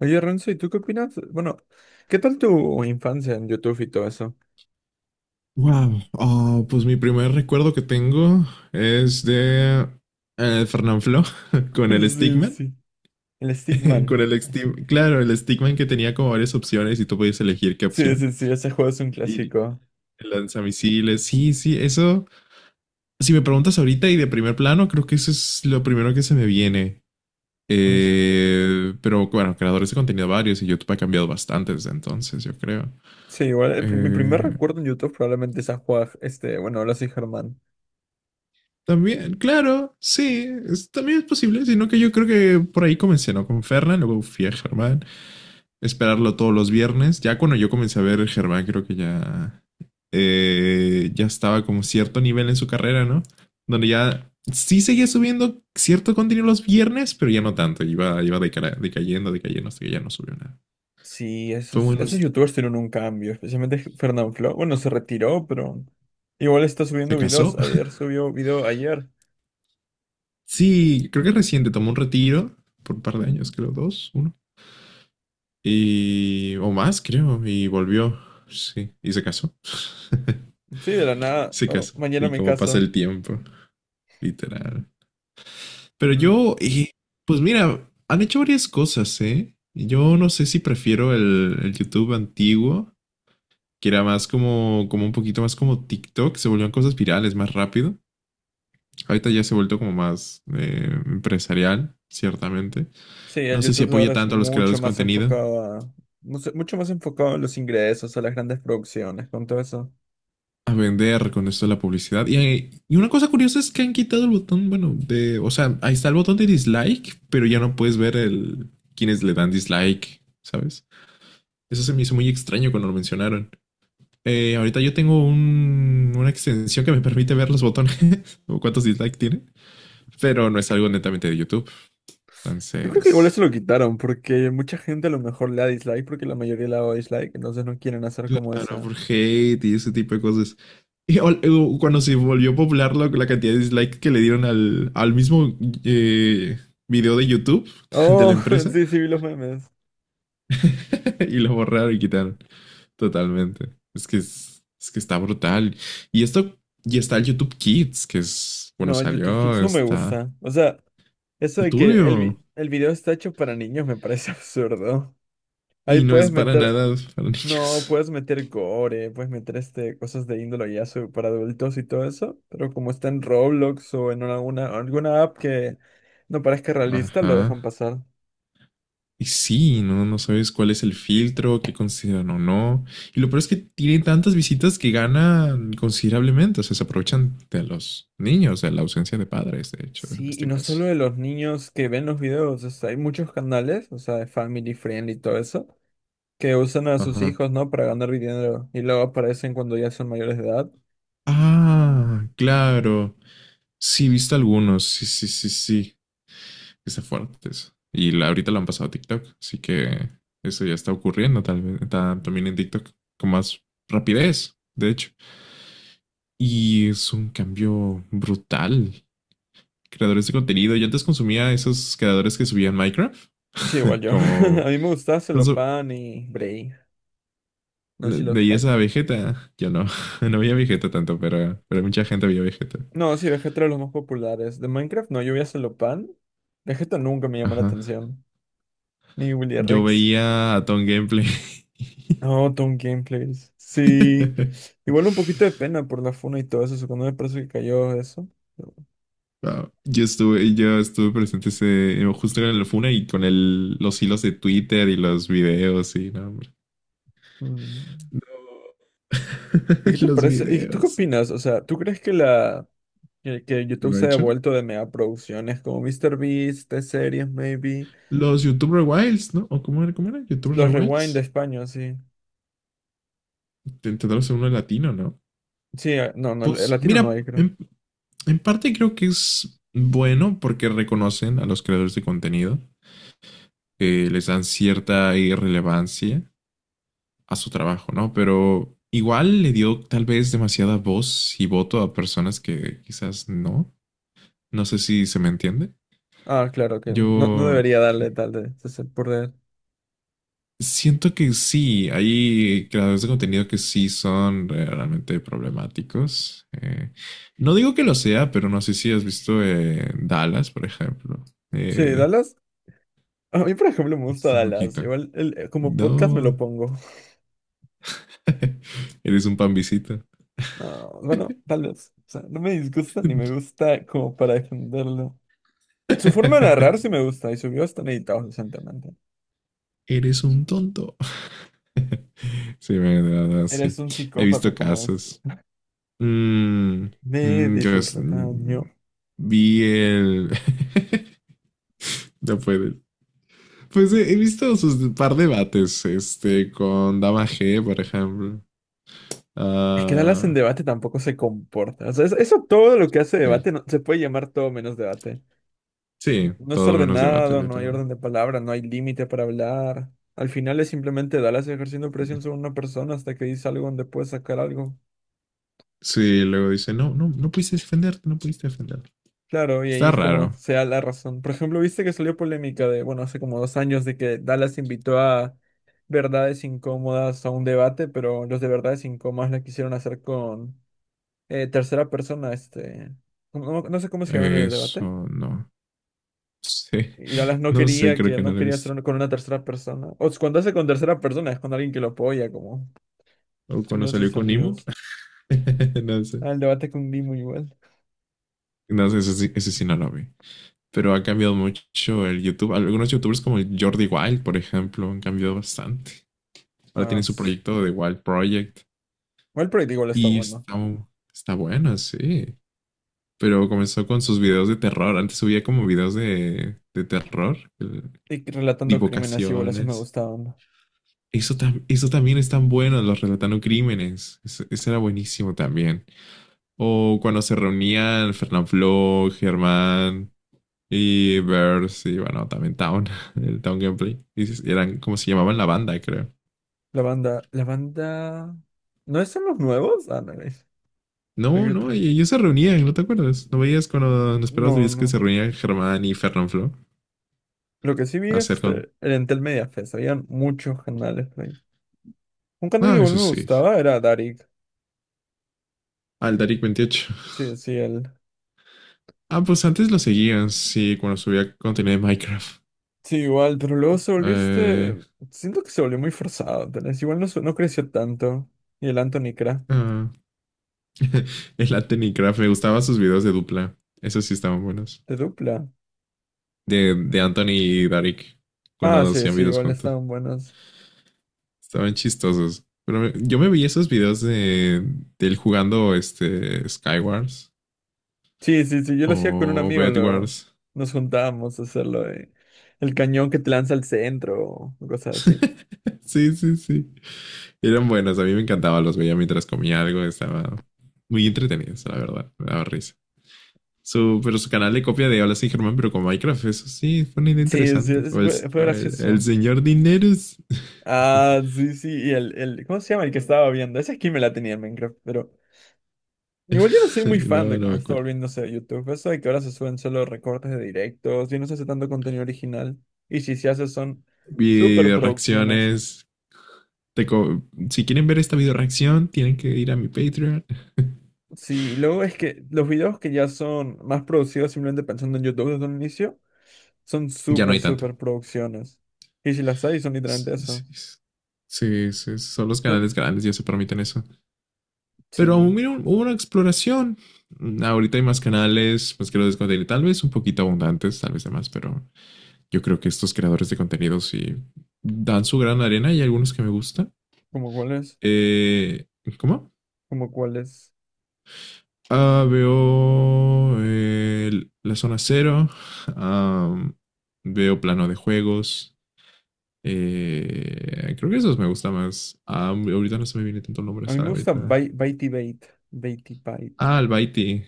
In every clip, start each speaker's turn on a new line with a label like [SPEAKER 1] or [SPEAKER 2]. [SPEAKER 1] Oye, Renzo, ¿y tú qué opinas? Bueno, ¿qué tal tu infancia en YouTube y todo eso?
[SPEAKER 2] Wow, oh, pues mi primer recuerdo que tengo es de Fernanfloo con el
[SPEAKER 1] Sí,
[SPEAKER 2] Stickman,
[SPEAKER 1] sí. El
[SPEAKER 2] con
[SPEAKER 1] Stickman.
[SPEAKER 2] el Stickman, claro, el Stickman que tenía como varias opciones y tú podías elegir qué
[SPEAKER 1] Sí,
[SPEAKER 2] opción.
[SPEAKER 1] sí, sí, ese juego es un
[SPEAKER 2] Y
[SPEAKER 1] clásico.
[SPEAKER 2] el lanzamisiles, sí, sí, eso, si me preguntas ahorita y de primer plano, creo que eso es lo primero que se me viene.
[SPEAKER 1] Uy.
[SPEAKER 2] Pero bueno, creadores de contenido varios y YouTube ha cambiado bastante desde entonces, yo creo.
[SPEAKER 1] Sí, igual, mi primer
[SPEAKER 2] Eh,
[SPEAKER 1] recuerdo en YouTube probablemente es a Juan, este, bueno, ahora sí, Germán.
[SPEAKER 2] También, claro, sí, también es posible, sino que yo creo que por ahí comencé, ¿no? Con Fernan, luego fui a Germán, esperarlo todos los viernes. Ya cuando yo comencé a ver Germán, creo que ya, ya estaba como cierto nivel en su carrera, ¿no? Donde ya sí seguía subiendo cierto contenido los viernes, pero ya no tanto, iba, iba decayendo, decayendo, hasta que ya no subió nada.
[SPEAKER 1] Sí,
[SPEAKER 2] Fue
[SPEAKER 1] esos,
[SPEAKER 2] bueno,
[SPEAKER 1] esos
[SPEAKER 2] se
[SPEAKER 1] youtubers tuvieron un cambio, especialmente Fernanfloo. Bueno, se retiró, pero igual está subiendo
[SPEAKER 2] casó.
[SPEAKER 1] videos. Ayer subió video ayer.
[SPEAKER 2] Sí, creo que reciente, tomó un retiro por un par de años, creo, dos, uno. Y, o más, creo. Y volvió. Sí. Y se casó.
[SPEAKER 1] Sí, de la nada.
[SPEAKER 2] Se
[SPEAKER 1] Oh,
[SPEAKER 2] casó.
[SPEAKER 1] mañana
[SPEAKER 2] Y
[SPEAKER 1] me
[SPEAKER 2] como pasa
[SPEAKER 1] caso.
[SPEAKER 2] el tiempo, literal. Pero
[SPEAKER 1] Pero
[SPEAKER 2] yo, pues mira, han hecho varias cosas, ¿eh? Yo no sé si prefiero el YouTube antiguo, que era más como, como un poquito más como TikTok, se volvían cosas virales más rápido. Ahorita ya se ha vuelto como más empresarial, ciertamente.
[SPEAKER 1] sí, el
[SPEAKER 2] No sé si
[SPEAKER 1] YouTube ahora
[SPEAKER 2] apoya
[SPEAKER 1] es
[SPEAKER 2] tanto a los creadores
[SPEAKER 1] mucho
[SPEAKER 2] de
[SPEAKER 1] más
[SPEAKER 2] contenido,
[SPEAKER 1] enfocado a, mucho más enfocado a los ingresos, a las grandes producciones, con todo eso.
[SPEAKER 2] a vender con esto de la publicidad. Y, y una cosa curiosa es que han quitado el botón, bueno, de, o sea, ahí está el botón de dislike, pero ya no puedes ver el quienes le dan dislike, ¿sabes? Eso se me hizo muy extraño cuando lo mencionaron. Ahorita yo tengo una extensión que me permite ver los botones o cuántos dislike tiene, pero no es algo netamente de YouTube.
[SPEAKER 1] Yo creo que igual eso
[SPEAKER 2] Entonces,
[SPEAKER 1] lo quitaron, porque mucha gente a lo mejor le da dislike, porque la mayoría le da dislike, entonces no quieren hacer como
[SPEAKER 2] claro,
[SPEAKER 1] esa.
[SPEAKER 2] por hate y ese tipo de cosas. Y cuando se volvió popular la cantidad de dislikes que le dieron al mismo eh, video de YouTube de la
[SPEAKER 1] Oh,
[SPEAKER 2] empresa,
[SPEAKER 1] sí, sí, vi los memes.
[SPEAKER 2] y lo borraron y quitaron totalmente. Es que está brutal. Y esto, y está el YouTube Kids, que es, bueno,
[SPEAKER 1] No, el YouTube Hits
[SPEAKER 2] salió,
[SPEAKER 1] no me
[SPEAKER 2] está
[SPEAKER 1] gusta. O sea, eso de que
[SPEAKER 2] turbio
[SPEAKER 1] el, vi- el video está hecho para niños me parece absurdo. Ahí
[SPEAKER 2] y no es
[SPEAKER 1] puedes
[SPEAKER 2] para
[SPEAKER 1] meter.
[SPEAKER 2] nada para
[SPEAKER 1] No,
[SPEAKER 2] niños.
[SPEAKER 1] puedes meter gore, puedes meter este, cosas de índole para adultos y todo eso, pero como está en Roblox o en alguna, alguna app que no parezca realista, lo dejan
[SPEAKER 2] Ajá.
[SPEAKER 1] pasar.
[SPEAKER 2] Y sí, no, no sabes cuál es el filtro, qué consideran o no. Y lo peor es que tiene tantas visitas que ganan considerablemente. O sea, se aprovechan de los niños, de la ausencia de padres, de hecho, en
[SPEAKER 1] Sí, y
[SPEAKER 2] este
[SPEAKER 1] no
[SPEAKER 2] caso.
[SPEAKER 1] solo de los niños que ven los videos, o sea, hay muchos canales, o sea, de Family friendly y todo eso, que usan a sus
[SPEAKER 2] Ajá.
[SPEAKER 1] hijos, ¿no? Para ganar dinero y luego aparecen cuando ya son mayores de edad.
[SPEAKER 2] Ah, claro. Sí, he visto algunos. Sí, sí, sí, sí. Está fuerte eso. Y ahorita lo han pasado a TikTok. Así que eso ya está ocurriendo, tal vez también en TikTok, con más rapidez, de hecho. Y es un cambio brutal. Creadores de contenido. Yo antes consumía esos creadores que subían Minecraft,
[SPEAKER 1] Sí, igual yo.
[SPEAKER 2] como
[SPEAKER 1] A mí me gustaba Celopan y Bray, no sé si los
[SPEAKER 2] veía
[SPEAKER 1] cachas.
[SPEAKER 2] esa Vegeta. Yo no, no veía Vegeta tanto, pero mucha gente veía Vegeta.
[SPEAKER 1] No, sí, Vegeta era de los más populares. De Minecraft, no, yo vi a Celopan. Vegeta nunca me llamó la
[SPEAKER 2] Ajá.
[SPEAKER 1] atención. Ni Willy
[SPEAKER 2] Yo
[SPEAKER 1] Rex.
[SPEAKER 2] veía a Tom Gameplay.
[SPEAKER 1] No, Tom Gameplays. Sí. Igual un poquito de pena por la funa y todo eso. Cuando me parece que cayó eso. Pero,
[SPEAKER 2] Wow. Yo estuve presente ese, justo en la funa y con el, los hilos de Twitter y los videos y no, hombre.
[SPEAKER 1] mm.
[SPEAKER 2] No.
[SPEAKER 1] ¿Y qué te
[SPEAKER 2] Los
[SPEAKER 1] parece? ¿Y tú qué
[SPEAKER 2] videos.
[SPEAKER 1] opinas? O sea, ¿tú crees que la que YouTube
[SPEAKER 2] ¿Lo ha
[SPEAKER 1] se ha
[SPEAKER 2] hecho?
[SPEAKER 1] devuelto de mega producciones como MrBeast, T-Series, maybe?
[SPEAKER 2] Los YouTuber Wilds, ¿no? ¿O cómo era? ¿Cómo era? ¿YouTuber
[SPEAKER 1] Los Rewind de
[SPEAKER 2] Wilds?
[SPEAKER 1] España, sí.
[SPEAKER 2] Intentar hacer uno latino, ¿no?
[SPEAKER 1] Sí, ah, no, no, el
[SPEAKER 2] Pues
[SPEAKER 1] latino no
[SPEAKER 2] mira,
[SPEAKER 1] hay, creo.
[SPEAKER 2] en parte creo que es bueno porque reconocen a los creadores de contenido, que les dan cierta irrelevancia a su trabajo, ¿no? Pero igual le dio tal vez demasiada voz y voto a personas que quizás no. No sé si se me entiende.
[SPEAKER 1] Ah, claro que
[SPEAKER 2] Yo
[SPEAKER 1] no, no debería darle de ser por él.
[SPEAKER 2] siento que sí, hay creadores de contenido que sí son realmente problemáticos. No digo que lo sea, pero no sé si has visto Dallas, por ejemplo.
[SPEAKER 1] Sí,
[SPEAKER 2] Eh,
[SPEAKER 1] Dallas. A mí, por ejemplo, me gusta
[SPEAKER 2] un
[SPEAKER 1] Dallas.
[SPEAKER 2] poquito.
[SPEAKER 1] Igual como podcast me lo
[SPEAKER 2] No,
[SPEAKER 1] pongo.
[SPEAKER 2] eres un pambisita.
[SPEAKER 1] No, bueno, tal vez. O sea, no me disgusta ni me gusta como para defenderlo. Su forma de narrar sí me gusta y su video están editados decentemente.
[SPEAKER 2] Eres un tonto. Sí, bueno, de verdad, sí.
[SPEAKER 1] Eres un
[SPEAKER 2] He
[SPEAKER 1] psicópata
[SPEAKER 2] visto
[SPEAKER 1] como es.
[SPEAKER 2] casos. Mm,
[SPEAKER 1] Me
[SPEAKER 2] yo
[SPEAKER 1] dice el rebaño.
[SPEAKER 2] vi el... No puedo. Pues he, he visto sus par debates, este, con Dama G, por ejemplo.
[SPEAKER 1] Es que Dallas en
[SPEAKER 2] Ah,
[SPEAKER 1] debate tampoco se comporta. O sea, eso todo lo que hace
[SPEAKER 2] sí.
[SPEAKER 1] debate se puede llamar todo menos debate.
[SPEAKER 2] Sí,
[SPEAKER 1] No es
[SPEAKER 2] todo menos debate,
[SPEAKER 1] ordenado, no hay
[SPEAKER 2] literal.
[SPEAKER 1] orden de palabra, no hay límite para hablar. Al final es simplemente Dallas ejerciendo presión sobre una persona hasta que dice algo donde puede sacar algo.
[SPEAKER 2] Sí, luego dice, no, no, no pudiste defenderte, no pudiste defenderte.
[SPEAKER 1] Claro, y ahí
[SPEAKER 2] Está
[SPEAKER 1] es como
[SPEAKER 2] raro.
[SPEAKER 1] sea la razón. Por ejemplo, viste que salió polémica de, bueno, hace como dos años de que Dallas invitó a Verdades Incómodas a un debate, pero los de Verdades Incómodas la quisieron hacer con tercera persona, este, no, no sé cómo se llama en el debate.
[SPEAKER 2] Eso no sé.
[SPEAKER 1] Y Dallas
[SPEAKER 2] No sé, creo que no
[SPEAKER 1] no
[SPEAKER 2] lo he
[SPEAKER 1] quería
[SPEAKER 2] visto.
[SPEAKER 1] hacer con una tercera persona. O sea, cuando hace con tercera persona es con alguien que lo apoya, como
[SPEAKER 2] O cuando
[SPEAKER 1] uno de
[SPEAKER 2] salió
[SPEAKER 1] sus
[SPEAKER 2] con Nemo.
[SPEAKER 1] amigos.
[SPEAKER 2] No sé.
[SPEAKER 1] Ah, el debate con Dimo igual.
[SPEAKER 2] No sé, ese, ese sí no lo vi. Pero ha cambiado mucho el YouTube. Algunos YouTubers como el Jordi Wild, por ejemplo, han cambiado bastante. Ahora
[SPEAKER 1] Ah,
[SPEAKER 2] tienen su
[SPEAKER 1] s-
[SPEAKER 2] proyecto de Wild Project
[SPEAKER 1] Igual Project igual está
[SPEAKER 2] y
[SPEAKER 1] bueno.
[SPEAKER 2] está, está bueno, sí. Pero comenzó con sus videos de terror. Antes subía como videos de terror,
[SPEAKER 1] Y que relatando crímenes igual así me
[SPEAKER 2] divulgaciones.
[SPEAKER 1] gustaban.
[SPEAKER 2] Eso, eso también es tan bueno, los relatando crímenes. Eso era buenísimo también. O cuando se reunían Fernanfloo, Germán, y Verse, y bueno, también Town, el Town Gameplay. Y eran como se llamaban la banda, creo.
[SPEAKER 1] La banda, la banda. ¿No son los nuevos? Ah, no, hay
[SPEAKER 2] No, no,
[SPEAKER 1] otro.
[SPEAKER 2] y ellos se reunían, ¿no te acuerdas? ¿No veías cuando nos esperabas
[SPEAKER 1] No,
[SPEAKER 2] veías que se
[SPEAKER 1] no.
[SPEAKER 2] reunían Germán y Fernanfloo
[SPEAKER 1] Lo que sí vi
[SPEAKER 2] a
[SPEAKER 1] es
[SPEAKER 2] hacer con...
[SPEAKER 1] este, el Entel Media Fest. Habían muchos canales ahí. Un canal que
[SPEAKER 2] Ah,
[SPEAKER 1] igual
[SPEAKER 2] eso
[SPEAKER 1] me
[SPEAKER 2] sí.
[SPEAKER 1] gustaba era Darik.
[SPEAKER 2] Aldaric 28.
[SPEAKER 1] Sí, sí, él.
[SPEAKER 2] Ah, pues antes lo seguían, sí, cuando subía contenido de Minecraft.
[SPEAKER 1] Sí, igual, pero luego se volvió este.
[SPEAKER 2] Eh,
[SPEAKER 1] Siento que se volvió muy forzado, tal vez. Igual no, no creció tanto. Y el Anthony Cra,
[SPEAKER 2] ah, el Anthony Craft, me gustaban sus videos de dupla. Esos sí estaban buenos.
[SPEAKER 1] de dupla.
[SPEAKER 2] De Anthony y Darik,
[SPEAKER 1] Ah,
[SPEAKER 2] cuando
[SPEAKER 1] sí,
[SPEAKER 2] hacían
[SPEAKER 1] sí,
[SPEAKER 2] videos
[SPEAKER 1] igual
[SPEAKER 2] juntos.
[SPEAKER 1] estaban buenos.
[SPEAKER 2] Estaban chistosos. Pero yo me veía esos videos de él jugando este Skywars
[SPEAKER 1] Sí, sí, sí, yo lo hacía con un
[SPEAKER 2] o
[SPEAKER 1] amigo, luego.
[SPEAKER 2] Bedwars.
[SPEAKER 1] Nos juntábamos a hacerlo de. El cañón que te lanza al centro, o cosas así.
[SPEAKER 2] Sí, sí, sí. Eran buenos. A mí me encantaba. Los veía mientras comía algo. Estaba muy entretenidos, la verdad. Me daba risa. Su, pero su canal de copia de Hola, sí, Germán, pero con Minecraft. Eso sí, fue una idea
[SPEAKER 1] Sí, sí,
[SPEAKER 2] interesante.
[SPEAKER 1] fue, fue
[SPEAKER 2] O el
[SPEAKER 1] gracioso.
[SPEAKER 2] señor Dineros.
[SPEAKER 1] Ah, sí, sí, y el, el. ¿Cómo se llama el que estaba viendo? Esa skin me la tenía en Minecraft, pero. Igual yo no soy muy fan
[SPEAKER 2] No,
[SPEAKER 1] de
[SPEAKER 2] no me
[SPEAKER 1] cómo está
[SPEAKER 2] acuerdo.
[SPEAKER 1] volviéndose a YouTube. Eso de que ahora se suben solo recortes de directos y no se hace tanto contenido original. Y si se hace son super
[SPEAKER 2] Video
[SPEAKER 1] producciones.
[SPEAKER 2] reacciones. Te co- si quieren ver esta video reacción, tienen que ir a mi Patreon.
[SPEAKER 1] Sí, y luego es que los videos que ya son más producidos simplemente pensando en YouTube desde un inicio son
[SPEAKER 2] Ya no
[SPEAKER 1] super
[SPEAKER 2] hay tanto.
[SPEAKER 1] super producciones. Y si las hay son literalmente eso.
[SPEAKER 2] Sí, sí, sí, son los
[SPEAKER 1] No,
[SPEAKER 2] canales grandes, ya se permiten eso. Pero
[SPEAKER 1] sí,
[SPEAKER 2] mira, hubo una exploración. Ahorita hay más canales, pues que lo descontinué. Tal vez un poquito abundantes, tal vez demás, pero yo creo que estos creadores de contenidos sí dan su gran arena y hay algunos que me gustan.
[SPEAKER 1] como cuáles,
[SPEAKER 2] Eh, ¿Cómo?
[SPEAKER 1] como cuáles.
[SPEAKER 2] Ah, veo la zona cero, ah, veo plano de juegos. Creo que esos me gusta más. Ah, ahorita no se me viene tanto el nombre,
[SPEAKER 1] A mí me
[SPEAKER 2] ¿sabes?
[SPEAKER 1] gusta
[SPEAKER 2] Ahorita.
[SPEAKER 1] Baitybait, Baitybait.
[SPEAKER 2] Ah, Albaiti.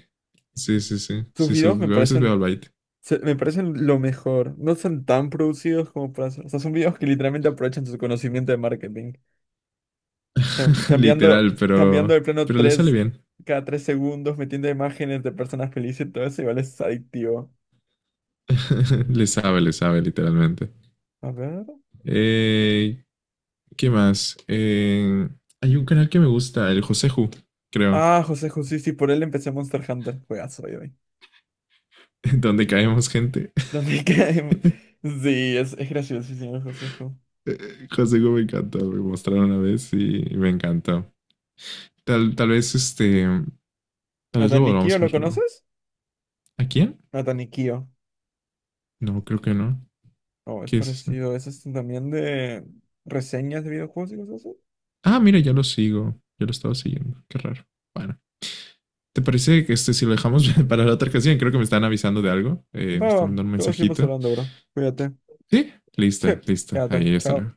[SPEAKER 2] Sí, sí, sí.
[SPEAKER 1] Sus videos me
[SPEAKER 2] A veces veo
[SPEAKER 1] parecen.
[SPEAKER 2] Albaiti.
[SPEAKER 1] Me parecen lo mejor. No son tan producidos como para hacer. O sea, son videos que literalmente aprovechan su conocimiento de marketing. Cambiando,
[SPEAKER 2] Literal,
[SPEAKER 1] cambiando de plano
[SPEAKER 2] pero le sale
[SPEAKER 1] tres,
[SPEAKER 2] bien.
[SPEAKER 1] cada tres segundos, metiendo imágenes de personas felices y todo eso, igual es adictivo.
[SPEAKER 2] Le sabe, literalmente.
[SPEAKER 1] A ver.
[SPEAKER 2] Eh, ¿Qué más? Hay un canal que me gusta, el Joseju, creo,
[SPEAKER 1] Ah, José José, sí, por él empecé Monster Hunter. Juegazo, hoy, hoy.
[SPEAKER 2] donde caemos gente.
[SPEAKER 1] ¿Dónde caemos? Sí, es graciosísimo el Josejo.
[SPEAKER 2] Joseju me encantó, me mostraron una vez y me encantó. Tal, tal vez este, tal vez lo volvamos
[SPEAKER 1] ¿Natanikio
[SPEAKER 2] a
[SPEAKER 1] lo
[SPEAKER 2] ver luego.
[SPEAKER 1] conoces?
[SPEAKER 2] ¿A quién?
[SPEAKER 1] Natanikio.
[SPEAKER 2] No, creo que no.
[SPEAKER 1] Oh, es
[SPEAKER 2] ¿Qué es eso?
[SPEAKER 1] parecido. Ese es también de reseñas de videojuegos y cosas.
[SPEAKER 2] Ah, mira, ya lo sigo. Yo lo estaba siguiendo. Qué raro. Bueno. ¿Te parece que este, si lo dejamos para la otra ocasión? Creo que me están avisando de algo. Me
[SPEAKER 1] Va,
[SPEAKER 2] están
[SPEAKER 1] va,
[SPEAKER 2] mandando un
[SPEAKER 1] luego seguimos
[SPEAKER 2] mensajito.
[SPEAKER 1] hablando, bro. Cuídate.
[SPEAKER 2] Sí,
[SPEAKER 1] Sí,
[SPEAKER 2] lista, lista.
[SPEAKER 1] quédate.
[SPEAKER 2] Ahí, hasta
[SPEAKER 1] Chao.
[SPEAKER 2] luego.